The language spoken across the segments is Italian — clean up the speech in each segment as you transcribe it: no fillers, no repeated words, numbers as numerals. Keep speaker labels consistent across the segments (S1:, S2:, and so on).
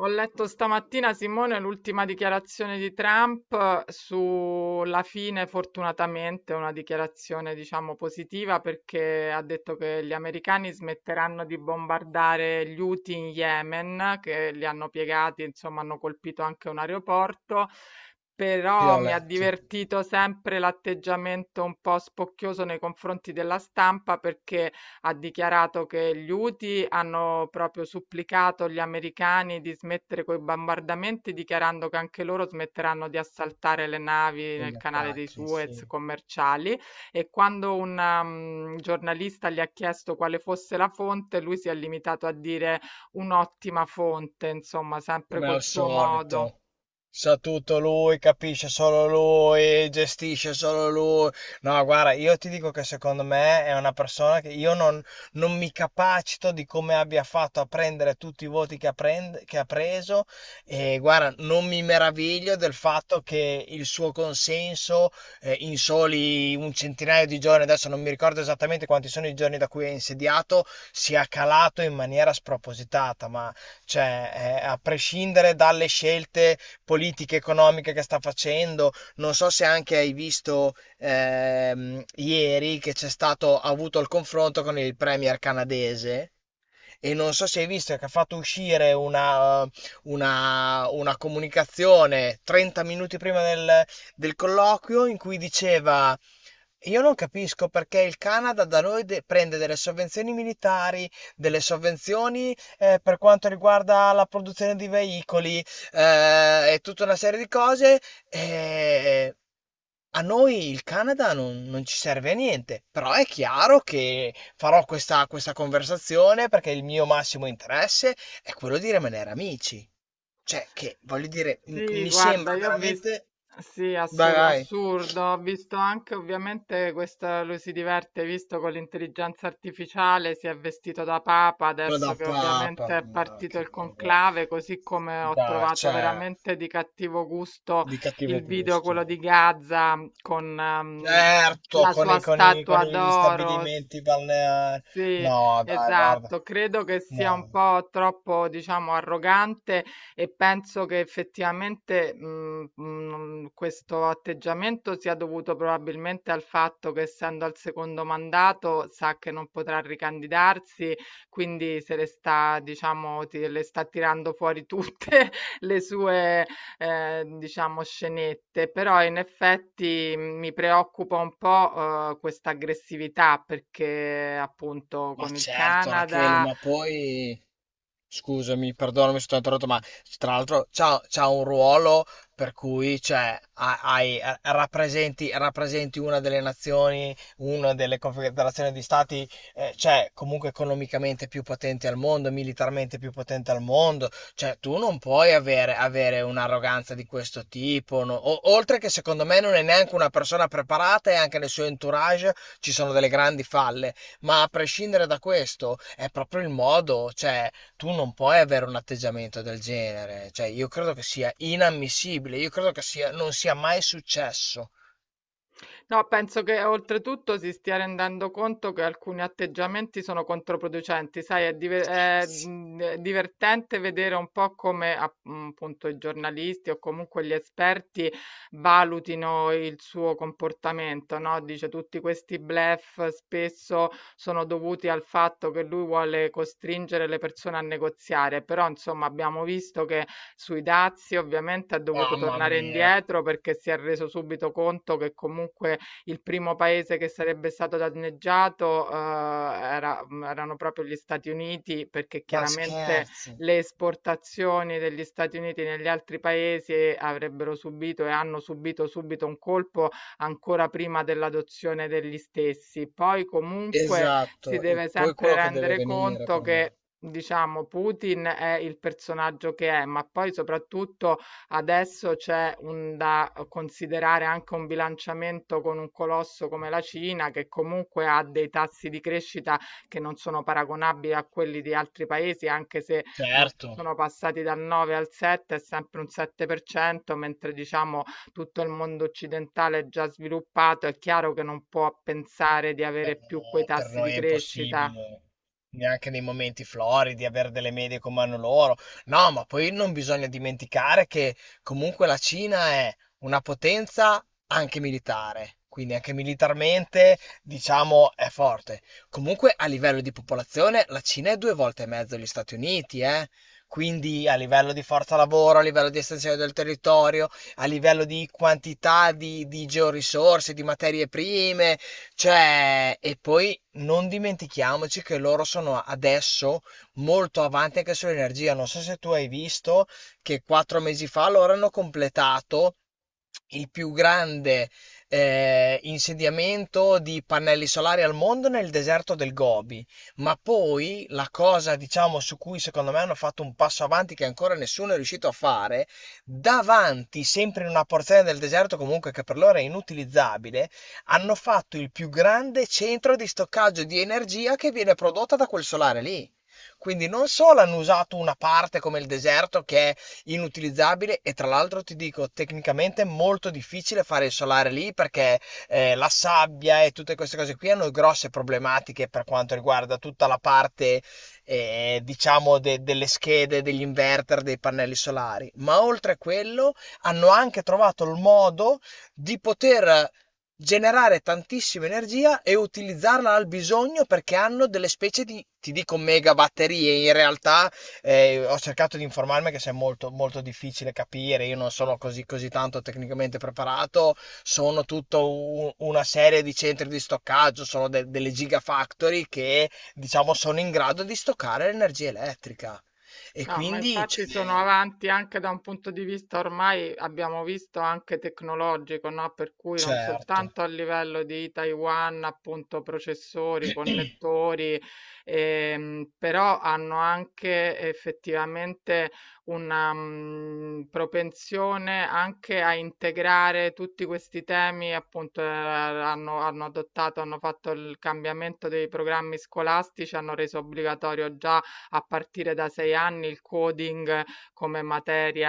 S1: Ho letto stamattina, Simone, l'ultima dichiarazione di Trump sulla fine, fortunatamente, una dichiarazione, diciamo, positiva perché ha detto che gli americani smetteranno di bombardare gli Houthi in Yemen, che li hanno piegati, insomma, hanno colpito anche un aeroporto. Però mi ha
S2: Viola,
S1: divertito sempre l'atteggiamento un po' spocchioso nei confronti della stampa perché ha dichiarato che gli Houthi hanno proprio supplicato gli americani di smettere coi bombardamenti, dichiarando che anche loro smetteranno di assaltare le navi
S2: con gli
S1: nel canale dei
S2: attacchi,
S1: Suez
S2: sì.
S1: commerciali. E quando un giornalista gli ha chiesto quale fosse la fonte, lui si è limitato a dire un'ottima fonte, insomma, sempre
S2: Come
S1: col
S2: al
S1: suo modo.
S2: solito. Sa tutto lui, capisce solo lui, gestisce solo lui. No, guarda, io ti dico che secondo me è una persona che io non, non mi capacito di come abbia fatto a prendere tutti i voti che che ha preso. E guarda, non mi meraviglio del fatto che il suo consenso, in soli un centinaio di giorni, adesso non mi ricordo esattamente quanti sono i giorni da cui è insediato, sia calato in maniera spropositata, ma cioè, a prescindere dalle scelte politiche economiche che sta facendo, non so se anche hai visto, ieri che c'è stato, ha avuto il confronto con il premier canadese e non so se hai visto che ha fatto uscire una comunicazione 30 minuti prima del, del colloquio in cui diceva: io non capisco perché il Canada da noi prende delle sovvenzioni militari, delle sovvenzioni, per quanto riguarda la produzione di veicoli, e tutta una serie di cose. E a noi il Canada non, non ci serve a niente, però è chiaro che farò questa conversazione perché il mio massimo interesse è quello di rimanere amici. Cioè, che voglio dire,
S1: Sì,
S2: mi
S1: guarda,
S2: sembra
S1: io ho visto,
S2: veramente.
S1: sì,
S2: Dai, dai.
S1: assurdo, ho visto anche ovviamente questo, lui si diverte, hai visto con l'intelligenza artificiale, si è vestito da papa,
S2: Quello
S1: adesso
S2: da
S1: che
S2: papa.
S1: ovviamente è
S2: Ma
S1: partito
S2: che
S1: il
S2: vergogna.
S1: conclave, così come ho
S2: Dai,
S1: trovato
S2: cioè,
S1: veramente di cattivo gusto
S2: di cattivo
S1: il video,
S2: gusto.
S1: quello di Gaza, con
S2: Certo,
S1: la sua
S2: con
S1: statua
S2: gli
S1: d'oro.
S2: stabilimenti balneari.
S1: Sì,
S2: No, dai, guarda.
S1: esatto. Credo che sia un
S2: No.
S1: po' troppo, diciamo, arrogante e penso che effettivamente questo atteggiamento sia dovuto probabilmente al fatto che essendo al secondo mandato sa che non potrà ricandidarsi, quindi se le sta, diciamo, le sta tirando fuori tutte le sue diciamo scenette, però in effetti mi preoccupa un po', questa aggressività perché appunto
S2: Ma
S1: con il
S2: certo, Rachele,
S1: Canada.
S2: ma poi. Scusami, perdonami se ti ho interrotto, ma tra l'altro c'ha un ruolo per cui cioè, rappresenti, rappresenti una delle nazioni, una delle confederazioni di stati, cioè, comunque economicamente più potenti al mondo, militarmente più potente al mondo. Cioè, tu non puoi avere un'arroganza di questo tipo, no? Oltre che secondo me non è neanche una persona preparata e anche nel suo entourage ci sono delle grandi falle. Ma a prescindere da questo, è proprio il modo, cioè tu non puoi avere un atteggiamento del genere, cioè io credo che sia inammissibile, io credo che non sia mai successo.
S1: No, penso che oltretutto si stia rendendo conto che alcuni atteggiamenti sono controproducenti, sai, è,
S2: Scherzi.
S1: è divertente vedere un po' come appunto i giornalisti o comunque gli esperti valutino il suo comportamento, no? Dice tutti questi bluff spesso sono dovuti al fatto che lui vuole costringere le persone a negoziare, però insomma abbiamo visto che sui dazi ovviamente ha dovuto
S2: Mamma
S1: tornare
S2: mia,
S1: indietro perché si è reso subito conto che comunque il primo paese che sarebbe stato danneggiato, erano proprio gli Stati Uniti, perché
S2: ma
S1: chiaramente
S2: scherzi.
S1: le esportazioni degli Stati Uniti negli altri paesi avrebbero subito e hanno subito subito un colpo ancora prima dell'adozione degli stessi. Poi comunque si
S2: Esatto, e
S1: deve
S2: poi
S1: sempre
S2: quello che deve
S1: rendere
S2: venire
S1: conto
S2: per
S1: che,
S2: me.
S1: diciamo, Putin è il personaggio che è, ma poi soprattutto adesso c'è un da considerare anche un bilanciamento con un colosso come la Cina, che comunque ha dei tassi di crescita che non sono paragonabili a quelli di altri paesi, anche se non
S2: Certo.
S1: sono passati dal 9 al 7, è sempre un 7%, mentre diciamo tutto il mondo occidentale è già sviluppato, è chiaro che non può pensare di
S2: No,
S1: avere più quei
S2: per
S1: tassi di
S2: noi è
S1: crescita.
S2: impossibile, neanche nei momenti floridi, avere delle medie come hanno loro. No, ma poi non bisogna dimenticare che comunque la Cina è una potenza anche militare, quindi anche militarmente, diciamo, è forte. Comunque a livello di popolazione la Cina è due volte e mezzo gli Stati Uniti, eh? Quindi a livello di forza lavoro, a livello di estensione del territorio, a livello di quantità di georisorse, di materie prime, cioè, e poi non dimentichiamoci che loro sono adesso molto avanti anche sull'energia. Non so se tu hai visto che quattro mesi fa loro hanno completato il più grande, insediamento di pannelli solari al mondo nel deserto del Gobi. Ma poi la cosa, diciamo, su cui secondo me hanno fatto un passo avanti che ancora nessuno è riuscito a fare, davanti, sempre in una porzione del deserto comunque che per loro è inutilizzabile, hanno fatto il più grande centro di stoccaggio di energia che viene prodotta da quel solare lì. Quindi non solo hanno usato una parte come il deserto che è inutilizzabile e tra l'altro ti dico tecnicamente è molto difficile fare il solare lì perché, la sabbia e tutte queste cose qui hanno grosse problematiche per quanto riguarda tutta la parte, diciamo delle schede, degli inverter, dei pannelli solari, ma oltre a quello hanno anche trovato il modo di poter generare tantissima energia e utilizzarla al bisogno perché hanno delle specie di, ti dico, mega batterie in realtà. Ho cercato di informarmi che se è molto difficile capire, io non sono così tanto tecnicamente preparato, sono tutta una serie di centri di stoccaggio, sono delle gigafactory che diciamo sono in grado di stoccare l'energia elettrica. E
S1: No, ma
S2: quindi,
S1: infatti sono
S2: cioè,
S1: avanti anche da un punto di vista ormai abbiamo visto anche tecnologico, no? Per cui non
S2: certo,
S1: soltanto a livello di Taiwan, appunto, processori, connettori, però hanno anche effettivamente una propensione anche a integrare tutti questi temi, appunto, hanno, adottato, hanno fatto il cambiamento dei programmi scolastici, hanno reso obbligatorio già a partire da 6 anni il coding come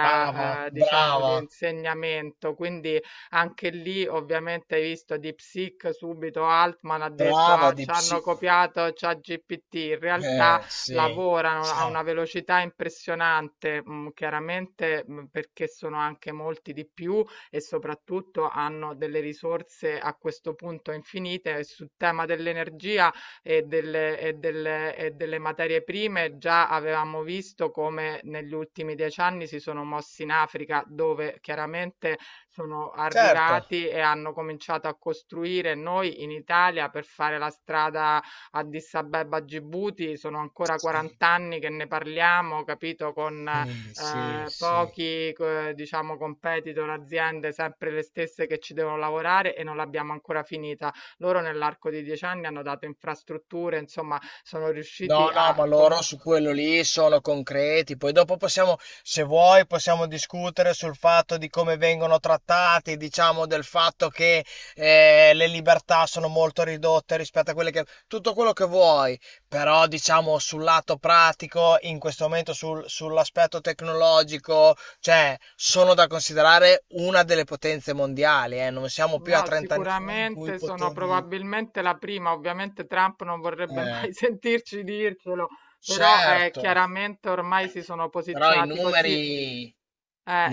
S2: brava,
S1: diciamo di
S2: brava,
S1: insegnamento. Quindi anche lì ovviamente hai visto Deep Seek, subito Altman ha detto:
S2: brava
S1: "Ah,
S2: di psi...
S1: c'hanno copiato ChatGPT". In realtà
S2: Sì,
S1: lavorano a una
S2: ciao,
S1: velocità impressionante, chiaramente, perché sono anche molti di più e soprattutto hanno delle risorse a questo punto infinite. E sul tema dell'energia e delle materie prime, già avevamo visto come negli ultimi 10 anni si sono mossi in Africa, dove chiaramente sono
S2: certo.
S1: arrivati e hanno cominciato a costruire. Noi in Italia per fare la strada Addis Abeba Gibuti sono ancora
S2: Sì,
S1: 40 anni che ne parliamo, capito, con,
S2: sì, sì, sì.
S1: pochi co diciamo competitor, aziende sempre le stesse che ci devono lavorare e non l'abbiamo ancora finita. Loro nell'arco di 10 anni hanno dato infrastrutture, insomma, sono riusciti
S2: No, no,
S1: a
S2: ma loro
S1: comu
S2: su quello lì sono concreti. Poi dopo possiamo, se vuoi, possiamo discutere sul fatto di come vengono trattati, diciamo del fatto che, le libertà sono molto ridotte rispetto a quelle che... Tutto quello che vuoi, però diciamo sul lato pratico, in questo momento sull'aspetto tecnologico, cioè sono da considerare una delle potenze mondiali, eh. Non siamo più a
S1: no,
S2: 30 anni fa in cui
S1: sicuramente sono
S2: potevi...
S1: probabilmente la prima. Ovviamente Trump non vorrebbe
S2: Eh,
S1: mai sentirci dircelo, però,
S2: certo.
S1: chiaramente ormai si sono
S2: Però i
S1: posizionati così.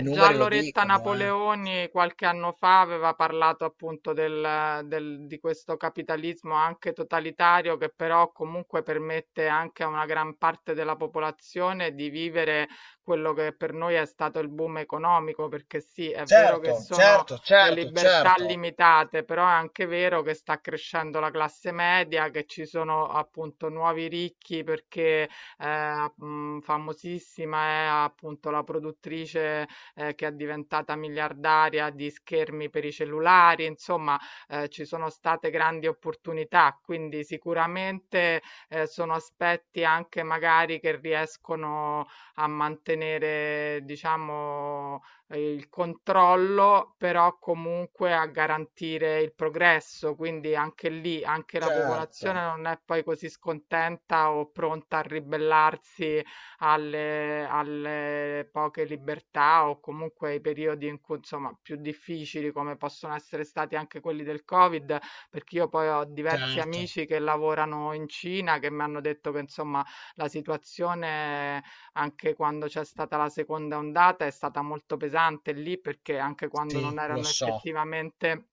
S2: i
S1: Già
S2: numeri lo
S1: Loretta
S2: dicono, eh.
S1: Napoleoni qualche anno fa aveva parlato appunto di questo capitalismo anche totalitario che però comunque permette anche a una gran parte della popolazione di vivere quello che per noi è stato il boom economico, perché sì, è vero che
S2: Certo,
S1: sono
S2: certo,
S1: le
S2: certo,
S1: libertà
S2: certo,
S1: limitate, però è anche vero che sta crescendo la classe media, che ci sono appunto nuovi ricchi perché famosissima è appunto la produttrice che è diventata miliardaria di schermi per i cellulari, insomma, ci sono state grandi opportunità, quindi sicuramente sono aspetti anche magari che riescono a mantenere, diciamo, il controllo, però comunque a garantire il progresso, quindi anche lì, anche la
S2: certo,
S1: popolazione non è poi così scontenta o pronta a ribellarsi alle poche libertà o comunque ai periodi in cui, insomma, più difficili come possono essere stati anche quelli del Covid, perché io poi ho diversi
S2: certo,
S1: amici che lavorano in Cina che mi hanno detto che insomma la situazione anche quando c'è stata la seconda ondata è stata molto pesante lì perché anche quando non
S2: sì, lo
S1: erano
S2: so.
S1: effettivamente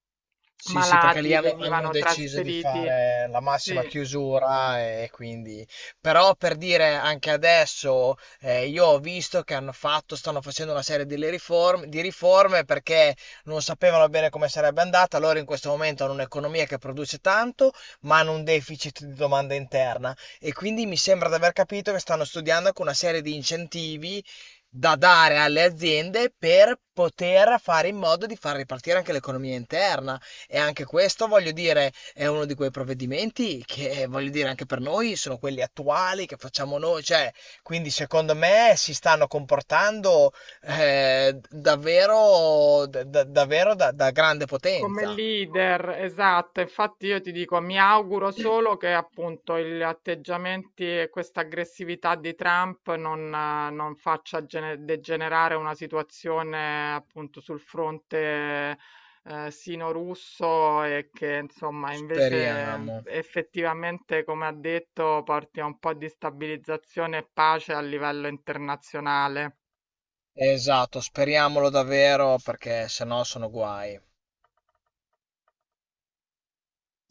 S2: Sì, sì, perché lì
S1: malati
S2: hanno
S1: venivano
S2: deciso di
S1: trasferiti.
S2: fare la
S1: Sì,
S2: massima chiusura e quindi... Però per dire anche adesso, io ho visto che hanno fatto, stanno facendo una serie di, le di riforme perché non sapevano bene come sarebbe andata. Loro in questo momento hanno un'economia che produce tanto, ma hanno un deficit di domanda interna. E quindi mi sembra di aver capito che stanno studiando anche una serie di incentivi da dare alle aziende per poter fare in modo di far ripartire anche l'economia interna. E anche questo, voglio dire, è uno di quei provvedimenti che, voglio dire, anche per noi sono quelli attuali che facciamo noi, cioè, quindi secondo me si stanno comportando, davvero, davvero da grande
S1: come
S2: potenza.
S1: leader, esatto, infatti io ti dico, mi auguro solo che appunto gli atteggiamenti e questa aggressività di Trump non, non faccia degenerare una situazione appunto sul fronte sino-russo e che insomma invece
S2: Speriamo.
S1: effettivamente, come ha detto, porti a un po' di stabilizzazione e pace a livello internazionale.
S2: Esatto, speriamolo davvero perché sennò sono guai.